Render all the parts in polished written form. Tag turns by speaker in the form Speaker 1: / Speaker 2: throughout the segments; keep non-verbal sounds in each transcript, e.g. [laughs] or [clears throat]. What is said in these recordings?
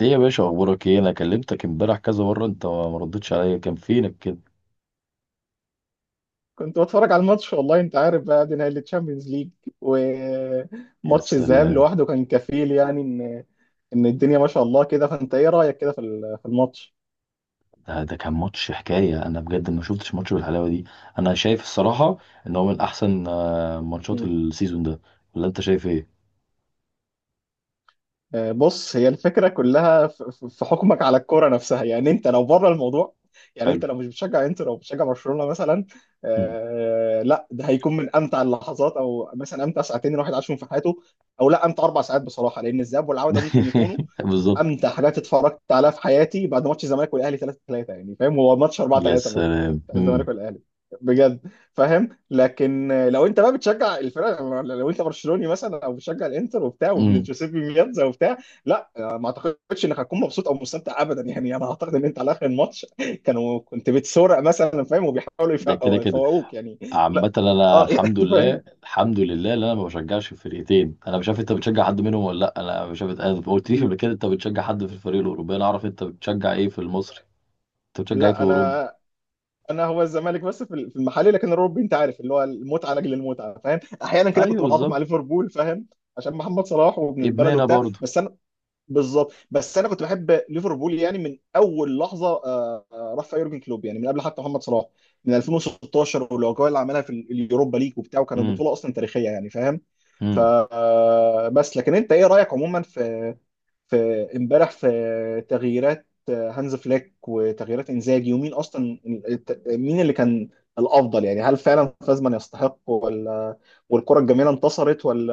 Speaker 1: ايه يا باشا، اخبارك ايه؟ انا كلمتك امبارح كذا مره، انت ما ردتش عليا، كان فينك كده؟
Speaker 2: كنت بتفرج على الماتش، والله انت عارف بقى دي نهائي الشامبيونز ليج.
Speaker 1: يا
Speaker 2: وماتش الذهاب
Speaker 1: سلام.
Speaker 2: لوحده كان كفيل يعني ان الدنيا ما شاء الله كده. فانت ايه رايك كده في في الماتش؟
Speaker 1: ده كان ماتش حكايه، انا بجد ما شفتش ماتش بالحلاوه دي. انا شايف الصراحه ان هو من احسن ماتشات
Speaker 2: مم.
Speaker 1: السيزون ده. ولا انت شايف ايه؟
Speaker 2: بص، هي الفكره كلها في في حكمك على الكوره نفسها، يعني انت لو بره الموضوع، يعني
Speaker 1: حلو.
Speaker 2: انت لو مش بتشجع انتر او بتشجع برشلونه مثلا،
Speaker 1: مم.
Speaker 2: لا ده هيكون من امتع اللحظات، او مثلا امتع ساعتين الواحد عاشهم في حياته، او لا امتع اربع ساعات بصراحه، لان الذهاب والعوده ممكن يكونوا
Speaker 1: [laughs] بالظبط.
Speaker 2: امتع حاجات اتفرجت عليها في حياتي بعد ماتش الزمالك والاهلي 3-3، يعني فاهم، هو ماتش 4
Speaker 1: يا
Speaker 2: 3 برضه
Speaker 1: سلام.
Speaker 2: بتاع
Speaker 1: مم.
Speaker 2: الزمالك والاهلي، بجد، فاهم. لكن لو انت بقى بتشجع الفرق، لو انت برشلوني مثلا او بتشجع الانتر وبتاع وابن
Speaker 1: مم.
Speaker 2: جوزيبي مياتزا وبتاع، لا ما اعتقدش انك هتكون مبسوط او مستمتع ابدا. يعني انا اعتقد ان انت على اخر الماتش كانوا كنت بتسرق مثلا، فاهم، وبيحاولوا
Speaker 1: ده كده كده.
Speaker 2: يفوقوك يعني.
Speaker 1: عامة
Speaker 2: لا،
Speaker 1: انا
Speaker 2: اه، [laughs]
Speaker 1: الحمد
Speaker 2: يعني
Speaker 1: لله.
Speaker 2: فاهم.
Speaker 1: الحمد لله ان انا ما بشجعش فرقتين. انا مش عارف انت بتشجع حد منهم ولا لا. انا مش عارف، انا ما قلتليش قبل كده انت بتشجع حد في الفريق الاوروبي. انا اعرف انت بتشجع ايه في المصري. انت بتشجع ايه في
Speaker 2: لا،
Speaker 1: اوروبا؟
Speaker 2: انا هو الزمالك بس في في المحلي، لكن الاوروبي انت عارف اللي هو المتعه لاجل المتعه، فاهم. احيانا كده
Speaker 1: ايوه
Speaker 2: كنت بتعاطف مع
Speaker 1: بالظبط.
Speaker 2: ليفربول، فاهم، عشان محمد صلاح وابن البلد
Speaker 1: ابننا
Speaker 2: وبتاع،
Speaker 1: برضو.
Speaker 2: بس انا بالظبط. بس انا كنت بحب ليفربول يعني من اول لحظه راح فيها يورجن كلوب، يعني من قبل حتى محمد صلاح، من 2016، والاجواء اللي عملها في اليوروبا ليج وبتاع، وكانت
Speaker 1: امم.
Speaker 2: بطوله اصلا تاريخيه يعني، فاهم. ف
Speaker 1: امم.
Speaker 2: آه، بس لكن انت ايه رايك عموما في في امبارح في تغييرات هانز فليك وتغييرات انزاجي، ومين اصلا مين اللي كان الافضل؟ يعني هل فعلا فازمان يستحق، ولا والكره الجميله انتصرت، ولا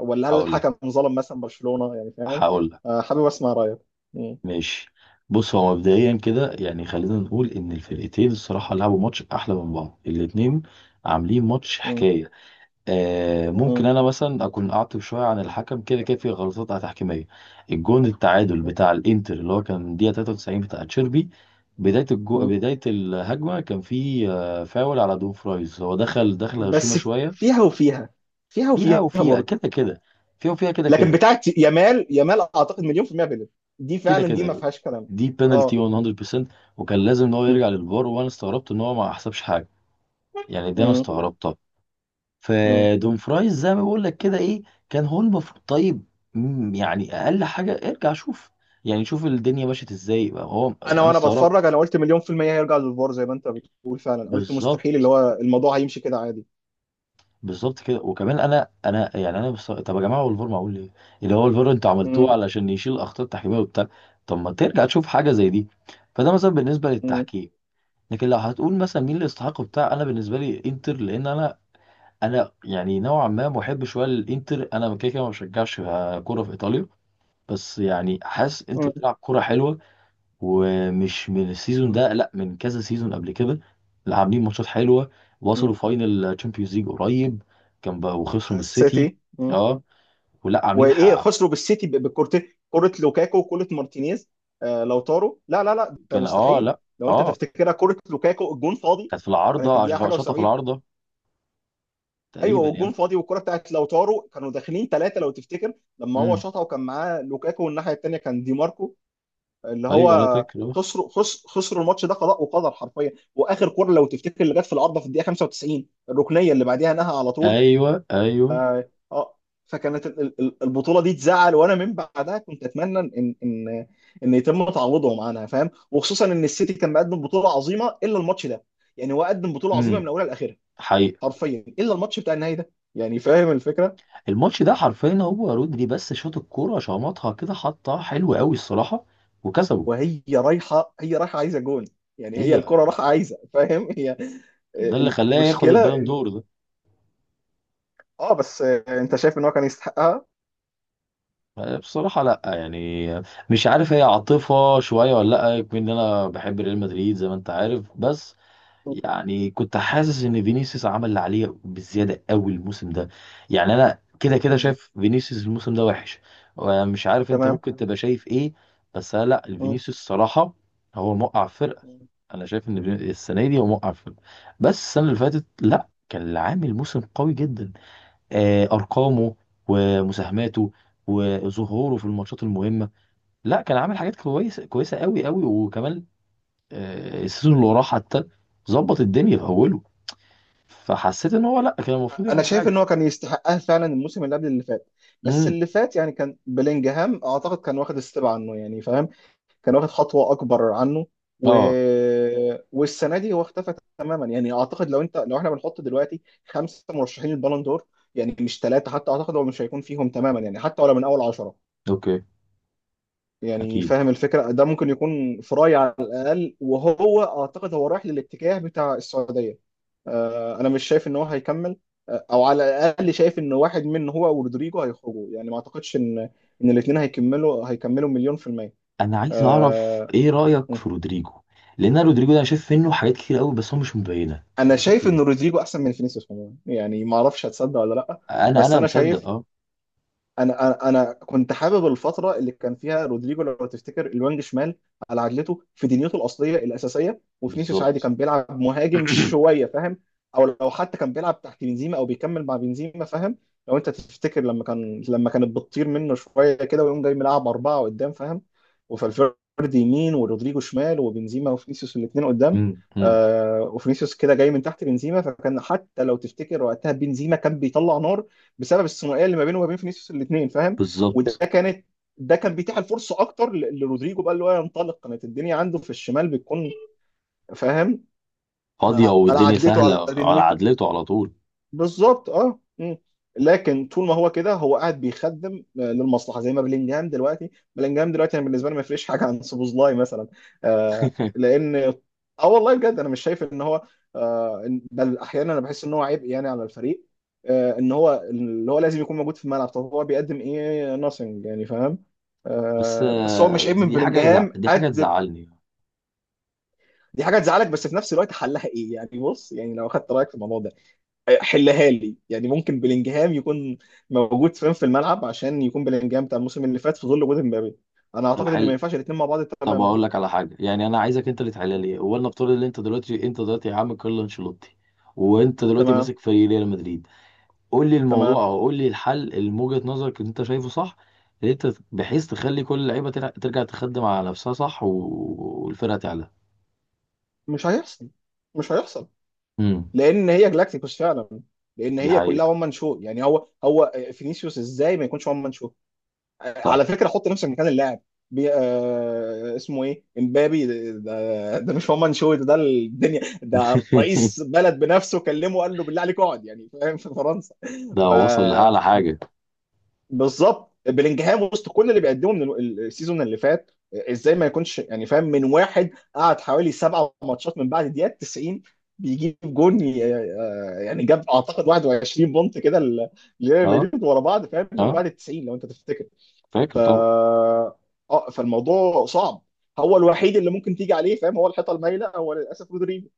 Speaker 2: ولا هل
Speaker 1: هقول لك.
Speaker 2: الحكم ظلم مثلا برشلونه يعني، فاهم؟
Speaker 1: هقول لك.
Speaker 2: حابب اسمع رايك. مم.
Speaker 1: ماشي. بص، هو مبدئيا كده يعني، خلينا نقول ان الفرقتين الصراحه لعبوا ماتش احلى من بعض الاتنين. عاملين ماتش
Speaker 2: مم.
Speaker 1: حكايه. آه
Speaker 2: مم.
Speaker 1: ممكن انا مثلا اكون اعطب شويه عن الحكم، كده كده في غلطات تحكيميه. الجون التعادل بتاع الانتر اللي هو كان دقيقه 93 بتاع تشيربي.
Speaker 2: مم.
Speaker 1: بداية الهجمة كان في فاول على دون فرايز، هو دخل هشيمة
Speaker 2: بس
Speaker 1: شوية.
Speaker 2: فيها وفيها، فيها
Speaker 1: فيها
Speaker 2: وفيها
Speaker 1: وفيها
Speaker 2: برضه.
Speaker 1: كده كده. فيها وفيها كده
Speaker 2: لكن
Speaker 1: كده.
Speaker 2: بتاعت يامال يامال اعتقد مليون في المية بلد، دي
Speaker 1: كده
Speaker 2: فعلا دي ما
Speaker 1: كده.
Speaker 2: فيهاش كلام.
Speaker 1: دي بينالتي
Speaker 2: اه.
Speaker 1: 100%. وكان لازم ان هو يرجع للفار، وانا استغربت ان هو ما حسبش حاجه. يعني دي انا
Speaker 2: مم.
Speaker 1: استغربتها.
Speaker 2: مم.
Speaker 1: فدوم فرايز زي ما بقول لك كده ايه. كان هو المفروض طيب. يعني اقل حاجه ارجع شوف. يعني شوف الدنيا مشيت ازاي، هو
Speaker 2: انا
Speaker 1: انا
Speaker 2: وانا بتفرج،
Speaker 1: استغربت.
Speaker 2: انا قلت مليون في المية هيرجع للفار، زي ما انت بتقول، فعلا قلت مستحيل
Speaker 1: بالظبط.
Speaker 2: اللي هو الموضوع هيمشي كده عادي.
Speaker 1: بالظبط كده. وكمان انا يعني، انا طب يا جماعه، هو الفار معمول ليه؟ اللي هو الفار انتوا عملتوه
Speaker 2: مم.
Speaker 1: علشان يشيل الاخطاء التحكيميه وبتاع. طب ما ترجع تشوف حاجه زي دي. فده مثلا بالنسبه
Speaker 2: مم.
Speaker 1: للتحكيم. لكن لو هتقول مثلا مين اللي يستحق بتاع، انا بالنسبه لي انتر، لان انا يعني نوعا ما محب شويه للانتر. انا كده كده ما بشجعش كوره في ايطاليا. بس يعني حاسس انتر
Speaker 2: مم.
Speaker 1: بتلعب كوره حلوه. ومش من السيزون
Speaker 2: مم.
Speaker 1: ده، لا من كذا سيزون قبل كده. اللي عاملين ماتشات حلوه.
Speaker 2: مم.
Speaker 1: وصلوا فاينل تشامبيونز ليج قريب. كان بقى وخسروا
Speaker 2: بتاع
Speaker 1: من السيتي.
Speaker 2: السيتي. مم.
Speaker 1: اه. ولا عاملين
Speaker 2: وايه
Speaker 1: حق.
Speaker 2: خسروا بالسيتي بكورتين، كرة لوكاكو وكرة مارتينيز. لو طاروا، لا لا لا ده
Speaker 1: كان
Speaker 2: مستحيل.
Speaker 1: لا.
Speaker 2: لو انت
Speaker 1: اه
Speaker 2: تفتكرها كرة لوكاكو الجون فاضي.
Speaker 1: كانت في
Speaker 2: كانت في
Speaker 1: العارضه،
Speaker 2: الدقيقة حاجة
Speaker 1: شاطه في
Speaker 2: و70،
Speaker 1: العارضه.
Speaker 2: ايوه،
Speaker 1: تقريبا يعني.
Speaker 2: والجون فاضي، والكرة بتاعت لو طاروا كانوا داخلين ثلاثة لو تفتكر لما هو
Speaker 1: امم.
Speaker 2: شاطها، وكان معاه لوكاكو، والناحية الثانية كان دي ماركو اللي
Speaker 1: ايوه انا
Speaker 2: هو
Speaker 1: فاكر آه.
Speaker 2: خسروا خسروا الماتش ده قضاء وقدر حرفيا. واخر كوره لو تفتكر اللي جت في العارضه في الدقيقه 95، الركنيه اللي بعديها نهى على طول.
Speaker 1: ايوه ايوه.
Speaker 2: اه. آه. فكانت البطوله دي تزعل، وانا من بعدها كنت اتمنى ان يتم تعويضهم عنها، فاهم، وخصوصا ان السيتي كان مقدم بطوله عظيمه الا الماتش ده. يعني هو قدم بطوله عظيمه
Speaker 1: امم.
Speaker 2: من اولها لاخرها
Speaker 1: حقيقة.
Speaker 2: حرفيا الا الماتش بتاع النهائي ده، يعني فاهم الفكره.
Speaker 1: الماتش ده حرفيا، هو رودري بس شاط الكوره، شمطها كده، حطها حلو قوي الصراحه. وكسبوا.
Speaker 2: وهي رايحه، هي رايحه عايزه جون، يعني هي
Speaker 1: هي
Speaker 2: الكره رايحه عايزه، فاهم، هي.
Speaker 1: ده اللي خلاه ياخد
Speaker 2: المشكله.
Speaker 1: البالون دور ده.
Speaker 2: اه بس، انت شايف ان هو كان يستحقها؟
Speaker 1: بصراحة لا، يعني مش عارف، هي عاطفة شوية ولا لا يكون ان انا بحب ريال مدريد زي ما انت عارف. بس يعني كنت حاسس ان فينيسيوس عمل اللي عليه بزيادة قوي الموسم ده. يعني انا كده كده
Speaker 2: مم.
Speaker 1: شايف فينيسيوس الموسم ده وحش. مش عارف انت
Speaker 2: تمام.
Speaker 1: ممكن تبقى شايف ايه. بس أنا لا،
Speaker 2: مم.
Speaker 1: الفينيسيوس الصراحة هو موقع فرقة.
Speaker 2: مم.
Speaker 1: انا شايف ان السنة دي هو موقع فرقة. بس السنة اللي فاتت
Speaker 2: مم.
Speaker 1: لا، كان عامل موسم قوي جدا. ارقامه ومساهماته وظهوره في الماتشات المهمه. لا كان عامل حاجات كويسه كويسه قوي قوي. وكمان السيزون اللي وراه حتى ظبط الدنيا في اوله. فحسيت ان هو لا، كان المفروض
Speaker 2: انا
Speaker 1: ياخد
Speaker 2: شايف
Speaker 1: حاجه.
Speaker 2: ان هو كان يستحقها فعلا الموسم اللي قبل اللي فات. بس
Speaker 1: امم.
Speaker 2: اللي فات يعني كان بلينجهام اعتقد كان واخد ستيب عنه يعني، فاهم، كان واخد خطوه اكبر عنه. و...
Speaker 1: اه.
Speaker 2: والسنه دي هو اختفى تماما، يعني اعتقد لو انت لو احنا بنحط دلوقتي خمسه مرشحين البالون دور، يعني مش ثلاثه حتى، اعتقد هو مش هيكون فيهم تماما، يعني حتى ولا من اول عشره،
Speaker 1: اوكي.
Speaker 2: يعني
Speaker 1: اكيد.
Speaker 2: فاهم الفكرة. ده ممكن يكون فراي على الأقل، وهو أعتقد هو رايح للاتجاه بتاع السعودية. أنا مش شايف إن هو هيكمل. أو على الأقل شايف إن واحد من هو ورودريجو هيخرجوا، يعني ما أعتقدش إن الاتنين هيكملوا مليون في المية.
Speaker 1: انا عايز اعرف
Speaker 2: آه،
Speaker 1: ايه رايك
Speaker 2: أمم.
Speaker 1: في رودريجو. لان أنا رودريجو ده، انا شايف منه حاجات كتير قوي بس هو مش مبينه.
Speaker 2: أنا
Speaker 1: انت شايف
Speaker 2: شايف إن
Speaker 1: ايه؟
Speaker 2: رودريجو أحسن من فينيسيوس عموما، يعني ما أعرفش هتصدق ولا لأ،
Speaker 1: انا
Speaker 2: بس
Speaker 1: انا
Speaker 2: أنا
Speaker 1: مصدق
Speaker 2: شايف
Speaker 1: اه.
Speaker 2: انا انا أنا كنت حابب الفتره اللي كان فيها رودريجو لو تفتكر الوينج شمال على عدلته في دنيته الاصليه الاساسيه، وفينيسيوس عادي
Speaker 1: بالظبط.
Speaker 2: كان بيلعب مهاجم
Speaker 1: [clears throat]
Speaker 2: شويه، فاهم، او لو حتى كان بيلعب تحت بنزيما او بيكمل مع بنزيما، فاهم. لو انت تفتكر لما كانت بتطير منه شويه كده ويقوم جاي ملعب اربعه قدام، فاهم، وفالفيردي يمين ورودريجو شمال وبنزيما وفينيسيوس الاثنين قدام.
Speaker 1: امم. أمم.
Speaker 2: وفينيسيوس كده جاي من تحت بنزيما، فكان حتى لو تفتكر وقتها بنزيما كان بيطلع نار بسبب الثنائيه اللي ما بينه وما بين فينيسيوس الاثنين، فاهم، وده
Speaker 1: بالظبط.
Speaker 2: كانت ده كان بيتيح الفرصه اكتر لرودريجو بقى اللي هو ينطلق، كانت الدنيا عنده في الشمال بتكون، فاهم،
Speaker 1: [clears throat] فاضيه
Speaker 2: على
Speaker 1: والدنيا
Speaker 2: عدلته على
Speaker 1: سهله على
Speaker 2: دنيته
Speaker 1: عدلته على طول.
Speaker 2: بالظبط. اه. مم. لكن طول ما هو كده هو قاعد بيخدم للمصلحه زي ما بلينجهام دلوقتي. بلينجهام دلوقتي انا بالنسبه لي ما يفرقش حاجه عن سوبوزلاي مثلا،
Speaker 1: [laughs]
Speaker 2: لان اه والله بجد انا مش شايف ان هو، بل احيانا انا بحس ان هو عبء يعني على الفريق. ان هو اللي هو لازم يكون موجود في الملعب، طب هو بيقدم ايه؟ ناثينج يعني، فاهم.
Speaker 1: بس
Speaker 2: بس هو مش عيب من بلينجهام
Speaker 1: دي حاجة
Speaker 2: قد
Speaker 1: تزعلني.
Speaker 2: دي حاجه تزعلك، بس في نفس الوقت حلها ايه يعني؟ بص يعني لو اخدت رايك في الموضوع ده حلها لي، يعني ممكن بلينجهام يكون موجود فين في الملعب عشان يكون بلينجهام بتاع الموسم اللي فات في ظل وجود امبابي؟ انا
Speaker 1: طب
Speaker 2: اعتقد ان ما
Speaker 1: حلو.
Speaker 2: ينفعش الاثنين مع بعض
Speaker 1: طب
Speaker 2: تماما.
Speaker 1: أقول لك على حاجة، يعني أنا عايزك أنت اللي تحلها لي. هو نفترض إن أنت دلوقتي يا عم كارلو أنشيلوتي، وأنت دلوقتي
Speaker 2: تمام.
Speaker 1: ماسك فريق ريال مدريد. قول لي الموضوع،
Speaker 2: تمام.
Speaker 1: أو قول لي الحل اللي من وجهة نظرك اللي أنت شايفه صح. اللي أنت بحيث تخلي كل اللعيبة ترجع تخدم على نفسها، صح، والفرقة تعلى.
Speaker 2: مش هيحصل، مش هيحصل،
Speaker 1: امم.
Speaker 2: لان هي جلاكتيكوس فعلا، لان
Speaker 1: دي
Speaker 2: هي كلها
Speaker 1: حقيقة.
Speaker 2: وان مان شو، يعني هو هو فينيسيوس ازاي ما يكونش وان مان شو؟
Speaker 1: صح.
Speaker 2: على فكره، حط نفسك مكان اللاعب، اسمه ايه، امبابي. ده مش هو شوي، ده الدنيا، ده
Speaker 1: [laughs]
Speaker 2: رئيس بلد بنفسه كلمه قال له بالله عليك اقعد، يعني فاهم، في فرنسا.
Speaker 1: ده
Speaker 2: ف
Speaker 1: وصل لأعلى حاجة.
Speaker 2: بالظبط، بلينجهام وسط كل اللي بيقدمه من السيزون اللي فات ازاي ما يكونش يعني، فاهم، من واحد قعد حوالي سبعة ماتشات من بعد الدقيقه 90 بيجيب جون، يعني جاب اعتقد 21 بونت كده لريال
Speaker 1: أه.
Speaker 2: مدريد ورا بعض، فاهم، من
Speaker 1: أه.
Speaker 2: بعد ال 90 لو انت تفتكر. ف
Speaker 1: فاكر طبعا.
Speaker 2: اه فالموضوع صعب، هو الوحيد اللي ممكن تيجي عليه، فاهم، هو الحيطه المايله، هو للاسف رودريجو.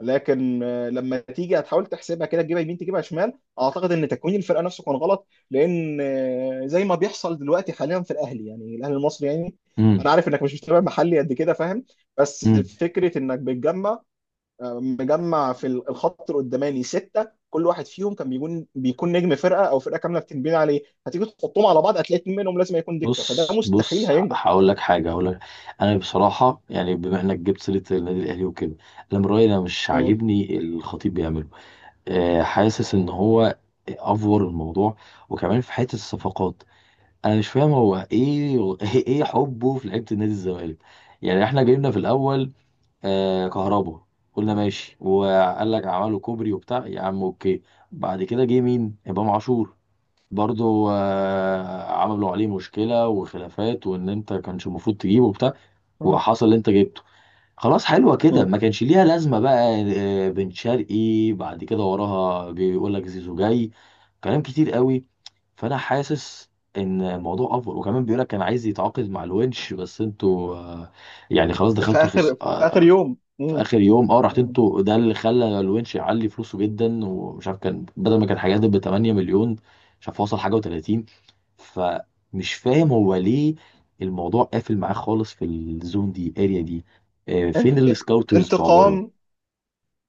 Speaker 2: لكن لما تيجي هتحاول تحسبها كده تجيبها يمين تجيبها شمال، اعتقد ان تكوين الفرقه نفسه كان غلط، لان زي ما بيحصل دلوقتي حاليا في الاهلي، يعني الاهلي المصري يعني، انا عارف انك مش متابع محلي قد كده، فاهم، بس
Speaker 1: امم.
Speaker 2: فكره انك بتجمع مجمع في الخط القداماني سته، كل واحد فيهم كان بيكون نجم فرقه او فرقه كامله بتنبني عليه، هتيجي تحطهم على بعض هتلاقي اتنين منهم لازم هيكون دكه، فده
Speaker 1: بص
Speaker 2: مستحيل
Speaker 1: بص،
Speaker 2: هينجح.
Speaker 1: هقول لك حاجه. هقول لك. انا بصراحه يعني، بما انك جبت سيره النادي الاهلي وكده، انا من رايي انا مش
Speaker 2: مم.
Speaker 1: عاجبني الخطيب بيعمله. أه، حاسس ان هو افور الموضوع. وكمان في حته الصفقات، انا مش فاهم هو ايه [laughs] ايه حبه في لعيبه النادي الزمالك. يعني احنا جبنا في الاول أه كهربا. قلنا ماشي، وقال لك عملوا كوبري وبتاع، يا عم اوكي. بعد كده جه مين؟ امام عاشور. برضو عملوا عليه مشكلة وخلافات، وان انت كانش المفروض تجيبه وبتاع.
Speaker 2: مم.
Speaker 1: وحصل اللي انت جبته. خلاص حلوة كده،
Speaker 2: مم.
Speaker 1: ما كانش ليها لازمة بقى. بن شرقي بعد كده وراها، بيقول لك زيزو جاي. كلام كتير قوي. فأنا حاسس إن الموضوع أفضل. وكمان بيقول لك كان عايز يتعاقد مع الونش، بس انتوا يعني خلاص
Speaker 2: في
Speaker 1: دخلتوا في
Speaker 2: اخر في اخر يوم.
Speaker 1: في
Speaker 2: مم.
Speaker 1: آخر يوم رحت
Speaker 2: مم.
Speaker 1: انتوا. ده اللي خلى الونش يعلي فلوسه جدا. ومش عارف كان بدل ما كان حاجات ب 8 مليون، مش عارف وصل حاجة و30. فمش فاهم هو ليه الموضوع قافل معاه خالص في الزون دي، الاريا دي. فين
Speaker 2: انت-
Speaker 1: السكاوترز بتوع بره؟
Speaker 2: انتقام.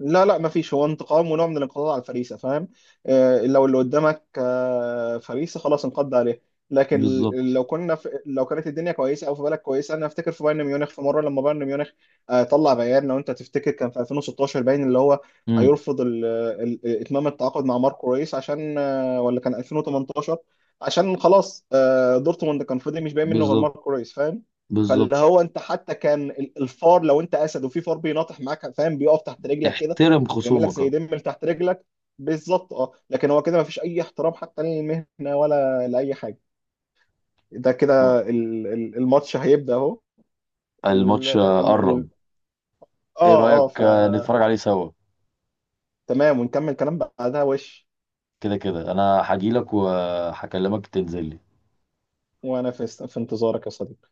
Speaker 2: لا لا، ما فيش هو انتقام، ونوع من الانقضاض على الفريسه، فاهم، لو اللي قدامك فريسه خلاص انقض عليه. لكن
Speaker 1: بالظبط.
Speaker 2: لو كنا في، لو كانت الدنيا كويسه او في بالك كويسه، انا افتكر في بايرن ميونخ في مره لما بايرن ميونخ طلع بيان لو انت تفتكر كان في 2016 باين اللي هو
Speaker 1: امم.
Speaker 2: هيرفض اتمام التعاقد مع ماركو ريس عشان ولا كان 2018، عشان خلاص دورتموند كان فاضي مش باين منه غير
Speaker 1: بالظبط.
Speaker 2: ماركو ريس، فاهم. فاللي
Speaker 1: بالظبط.
Speaker 2: هو انت حتى كان الفار، لو انت اسد وفي فار بيناطح معاك، فاهم، بيقف تحت رجلك كده
Speaker 1: احترم
Speaker 2: بيعمل لك
Speaker 1: خصومك
Speaker 2: زي
Speaker 1: اهو.
Speaker 2: دم تحت رجلك بالظبط. اه، لكن هو كده ما فيش اي احترام حتى للمهنه ولا لاي حاجه. ده
Speaker 1: طب،
Speaker 2: كده الماتش هيبدا اهو، ال-
Speaker 1: الماتش
Speaker 2: ال-
Speaker 1: قرب.
Speaker 2: ال-
Speaker 1: ايه
Speaker 2: اه
Speaker 1: رأيك
Speaker 2: فتمام،
Speaker 1: نتفرج عليه سوا؟
Speaker 2: ونكمل كلام بعدها وش.
Speaker 1: كده كده، انا هجيلك وهكلمك تنزل لي.
Speaker 2: وانا في انتظارك يا صديقي.